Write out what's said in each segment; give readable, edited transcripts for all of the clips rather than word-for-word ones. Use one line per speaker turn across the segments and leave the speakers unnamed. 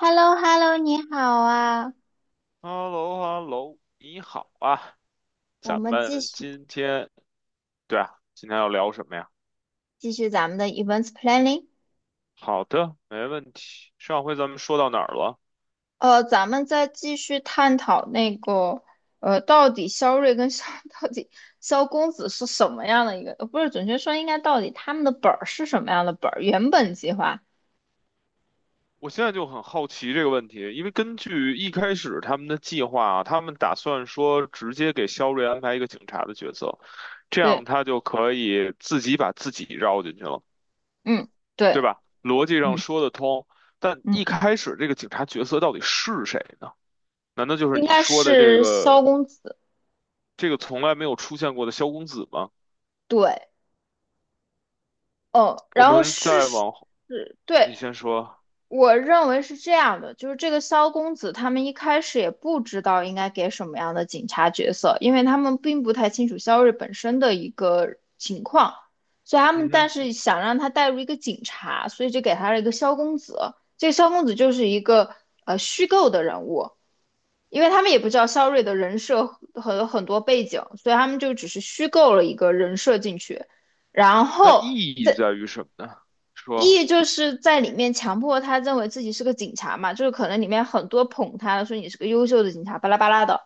h e l l o h e l l o 你好啊，
h e l l o h e l l o 你好啊，
我
咱
们继
们
续
今天，对啊，今天要聊什么呀？
咱们的 events planning。
好的，没问题。上回咱们说到哪儿了？
咱们再继续探讨那个，到底肖瑞跟肖 到底萧公子是什么样的一个，不是，准确说应该到底他们的本儿是什么样的本儿？原本计划，
我现在就很好奇这个问题，因为根据一开始他们的计划啊，他们打算说直接给肖瑞安排一个警察的角色，这
对。
样他就可以自己把自己绕进去了，
嗯。
对
对。
吧？逻辑上
嗯
说得通，但
嗯，
一开始这个警察角色到底是谁呢？难道就是
应
你
该
说的这
是萧
个？
公子。
这个从来没有出现过的萧公子吗？
对。哦，
我
然后
们
是
再
是，
往后，
对。
你先说，
我认为是这样的，就是这个萧公子他们一开始也不知道应该给什么样的警察角色，因为他们并不太清楚萧睿本身的一个情况，所以他们
嗯
但
哼，
是想让他带入一个警察，所以就给他了一个萧公子。这个萧公子就是一个虚构的人物，因为他们也不知道萧睿的人设和很多背景，所以他们就只是虚构了一个人设进去，然
那意
后
义在于什么呢？说，
E 就是在里面强迫他认为自己是个警察嘛，就是可能里面很多捧他的，说你是个优秀的警察，巴拉巴拉的。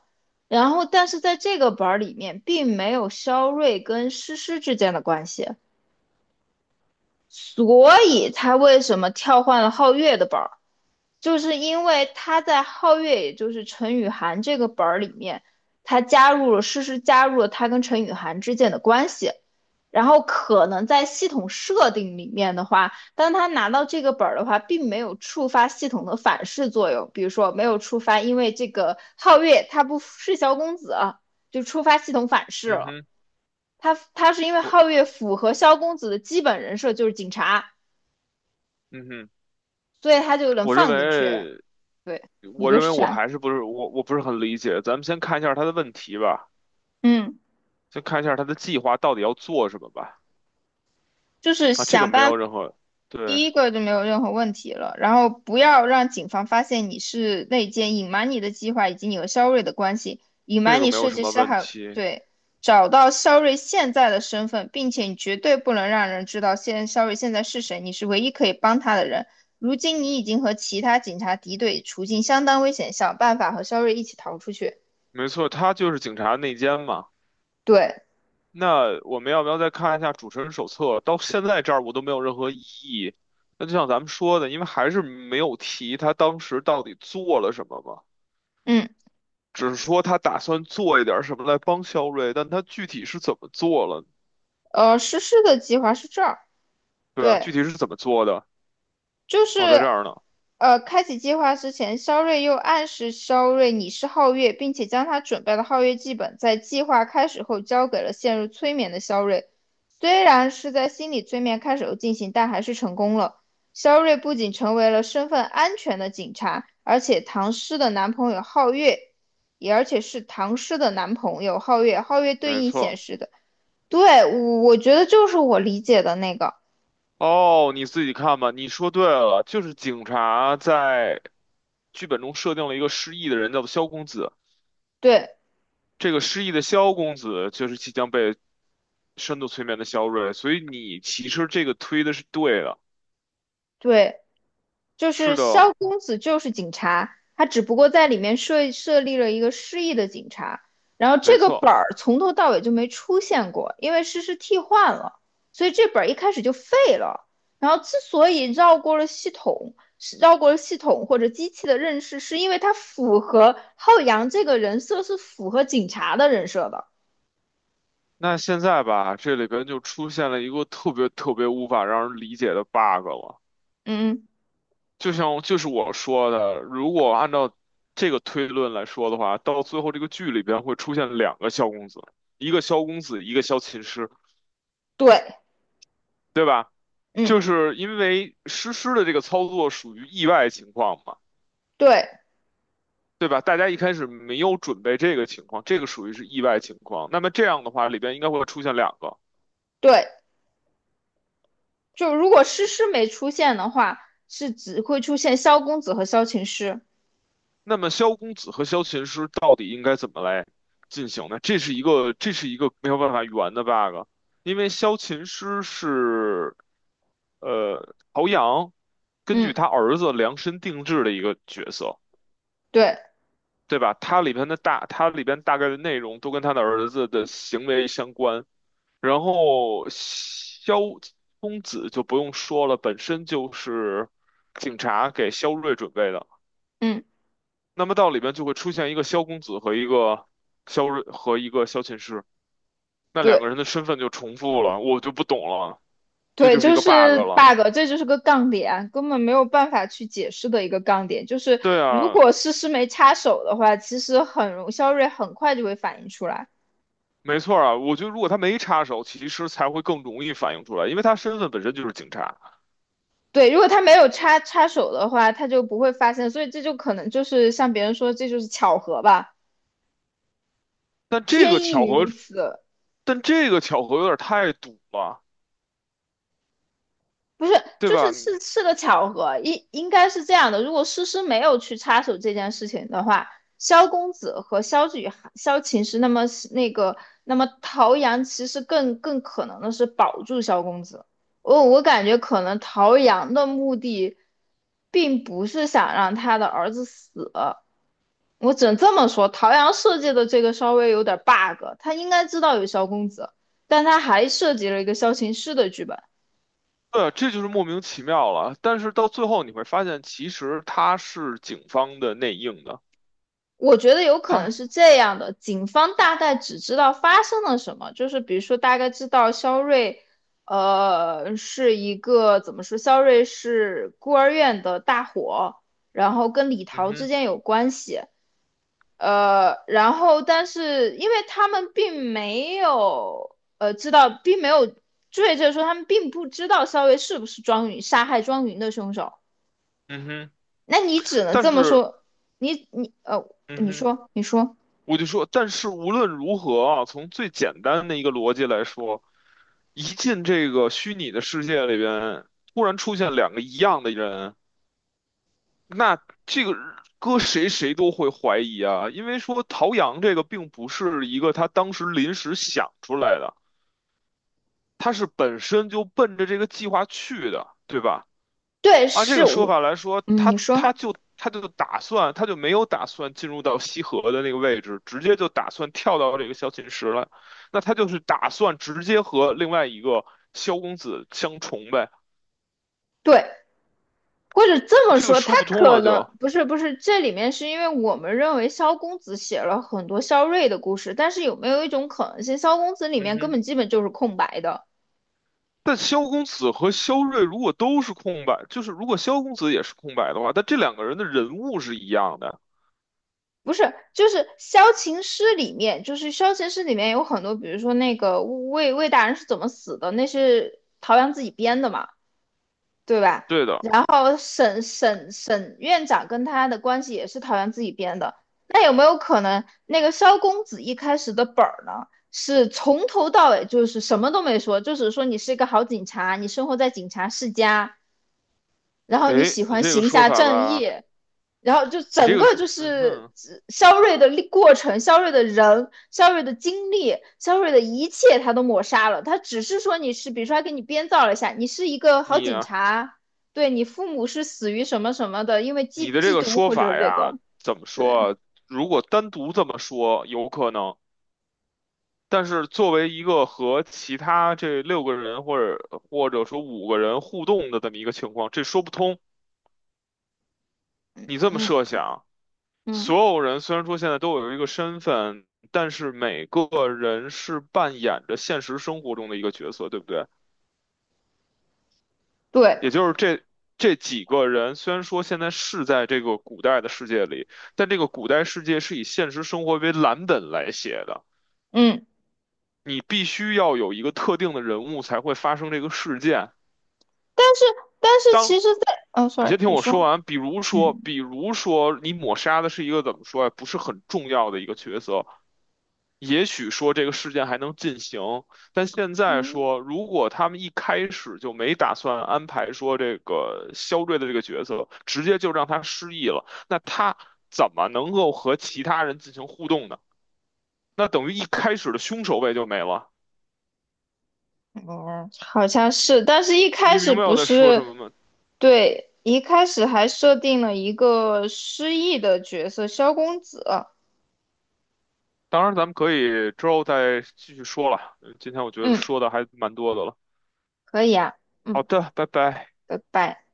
然后，但是在这个本儿里面，并没有肖瑞跟诗诗之间的关系，所以他为什么跳换了皓月的本儿？就是因为他在皓月，也就是陈雨涵这个本儿里面，他加入了诗诗加入了他跟陈雨涵之间的关系，然后可能在系统设定里面的话，当他拿到这个本儿的话，并没有触发系统的反噬作用，比如说没有触发，因为这个皓月他不是萧公子，就触发系统反噬
嗯
了。
哼，
他是因为
我，
皓月符合萧公子的基本人设就是警察，
嗯哼，
所以他就能
我认
放进去。
为，
对，我
我
觉得
认为
是这
我
样。
还是不是我，我不是很理解。咱们先看一下他的问题吧，
嗯。
先看一下他的计划到底要做什么吧。
就是
啊，这个
想
没
办
有
法
任何，对，
第一个就没有任何问题了，然后不要让警方发现你是内奸，隐瞒你的计划以及你和肖瑞的关系，隐
这
瞒
个
你
没有
设
什
计
么
师
问
还有
题，
对，找到肖瑞现在的身份，并且你绝对不能让人知道现肖瑞现在是谁，你是唯一可以帮他的人。如今你已经和其他警察敌对，处境相当危险，想办法和肖瑞一起逃出去。
没错，他就是警察内奸嘛。
对。
那我们要不要再看一下主持人手册？到现在这儿我都没有任何异议。那就像咱们说的，因为还是没有提他当时到底做了什么嘛，
嗯。
只是说他打算做一点儿什么来帮肖瑞，但他具体是怎么做了？
实施的计划是这儿，
对啊，具
对。
体是怎么做的？
就是
哦，在这儿呢，
开启计划之前，肖瑞又暗示肖瑞你是皓月，并且将他准备的皓月剧本在计划开始后交给了陷入催眠的肖瑞。虽然是在心理催眠开始后进行，但还是成功了。肖瑞不仅成为了身份安全的警察，而且唐诗的男朋友皓月，也而且是唐诗的男朋友皓月，皓月对
没
应显
错。
示的。对，我觉得就是我理解的那个，
哦，你自己看吧。你说对了，就是警察在剧本中设定了一个失忆的人，叫做肖公子。
对
这个失忆的萧公子就是即将被深度催眠的萧睿，所以你其实这个推的是对的，
对。就
是
是
的，
萧公子就是警察，他只不过在里面设立了一个失忆的警察，然后
没
这个
错。
本儿从头到尾就没出现过，因为诗诗替换了，所以这本儿一开始就废了。然后之所以绕过了系统，是绕过了系统或者机器的认识，是因为它符合浩洋这个人设是符合警察的人设的。
那现在吧，这里边就出现了一个特别特别无法让人理解的 bug 了。
嗯。
就像就是我说的，如果按照这个推论来说的话，到最后这个剧里边会出现两个萧公子，一个萧公子，一个萧琴师，
对。
对吧？
嗯。
就是因为诗诗的这个操作属于意外情况嘛。
对。
对吧？大家一开始没有准备这个情况，这个属于是意外情况。那么这样的话，里边应该会出现两个。
对，就如果诗诗没出现的话，是只会出现萧公子和萧晴师。
那么萧公子和萧琴师到底应该怎么来进行呢？这是一个，这是一个没有办法圆的 bug,因为萧琴师是陶阳根据
嗯。
他儿子量身定制的一个角色，
对。
对吧？他里边的大，他里边大概的内容都跟他的儿子的行为相关。然后萧公子就不用说了，本身就是警察给萧睿准备的。
嗯。
那么到里边就会出现一个萧公子和一个萧睿和一个萧琴师，那两
对。
个人的身份就重复了，我就不懂了，这
对，
就是一
就
个 bug
是
了。
bug，这就是个杠点，根本没有办法去解释的一个杠点。就是
对
如
啊，
果诗诗没插手的话，其实很容肖瑞很快就会反应出来。
没错啊，我觉得如果他没插手，其实才会更容易反映出来，因为他身份本身就是警察。
对，如果他没有插手的话，他就不会发现，所以这就可能就是像别人说，这就是巧合吧，
但这个
天意
巧合，
如此。
但这个巧合有点太堵了，
不是，
对
就是
吧？
是是个巧合，应该是这样的。如果诗诗没有去插手这件事情的话，萧公子和萧雨涵、萧琴诗，那么那个，那么陶阳其实更可能的是保住萧公子。我感觉可能陶阳的目的，并不是想让他的儿子死。我只能这么说，陶阳设计的这个稍微有点 bug，他应该知道有萧公子，但他还设计了一个萧琴诗的剧本。
对啊，这就是莫名其妙了。但是到最后你会发现，其实他是警方的内应的。
我觉得有可能
他，
是这样的，警方大概只知道发生了什么，就是比如说大概知道肖瑞，是一个怎么说，肖瑞是孤儿院的大火，然后跟李
嗯
桃之
哼，
间有关系，然后但是因为他们并没有，知道并没有追着说他们并不知道肖瑞是不是庄云杀害庄云的凶手，
嗯哼，
那你只能
但
这么
是，
说，你你呃，
嗯
你
哼，
说你说。
我就说，但是无论如何啊，从最简单的一个逻辑来说，一进这个虚拟的世界里边，突然出现两个一样的人，那这个搁谁谁都会怀疑啊，因为说陶阳这个并不是一个他当时临时想出来的。他是本身就奔着这个计划去的，对吧？
对，
按这
是。
个说法来说，
嗯，你说
他就没有打算进入到西河的那个位置，直接就打算跳到这个萧琴石了。那他就是打算直接和另外一个萧公子相重呗，
对，或者这么
这个
说，他
说不通
可
了
能
就。
不是，这里面是因为我们认为萧公子写了很多萧睿的故事，但是有没有一种可能性，萧公子里
嗯
面根
哼。
本基本就是空白的？
但萧公子和萧睿如果都是空白，就是如果萧公子也是空白的话，但这两个人的人物是一样的。
不是，就是萧琴诗》里面，就是萧琴诗》里面有很多，比如说那个魏大人是怎么死的，那是陶阳自己编的嘛？对吧？
对的，
然后沈院长跟他的关系也是陶园自己编的。那有没有可能，那个萧公子一开始的本儿呢，是从头到尾就是什么都没说，就只说你是一个好警察，你生活在警察世家，然后你
哎，
喜
你
欢
这个
行
说
侠
法
仗义，
吧，
然后就
你
整
这个
个就
说，嗯
是
哼。
肖瑞的过程、肖瑞的人、肖瑞的经历、肖瑞的一切，他都抹杀了。他只是说你是，比如说他给你编造了一下，你是一个好警
你
察，对你父母是死于什么什么的，因为
你的这
缉
个
毒
说
或者
法
这
呀，
个，
怎么
对。
说啊？如果单独这么说，有可能。但是作为一个和其他这六个人或者或者说五个人互动的这么一个情况，这说不通。你这么
嗯
设想，
嗯。
所有人虽然说现在都有一个身份，但是每个人是扮演着现实生活中的一个角色，对不对？
对。
也就是这几个人,虽然说现在是在这个古代的世界里，但这个古代世界是以现实生活为蓝本来写的。
嗯。
你必须要有一个特定的人物才会发生这个事件。
但是但是
当
其实在，哦
你
，sorry，
先听
你
我说
说，
完，比如说，
嗯
比如说你抹杀的是一个怎么说呀、啊不是很重要的一个角色，也许说这个事件还能进行，但现在
嗯。
说，如果他们一开始就没打算安排说这个肖瑞的这个角色，直接就让他失忆了，那他怎么能够和其他人进行互动呢？那等于一开始的凶手位就没了。
哦，好像是，但是一开
你
始
明白
不
我在说什
是，
么吗？
对，一开始还设定了一个失忆的角色萧公子。
当然，咱们可以之后再继续说了。今天我觉得
嗯，
说的还蛮多的了。
可以啊。
好
嗯，
的，拜拜。
拜拜。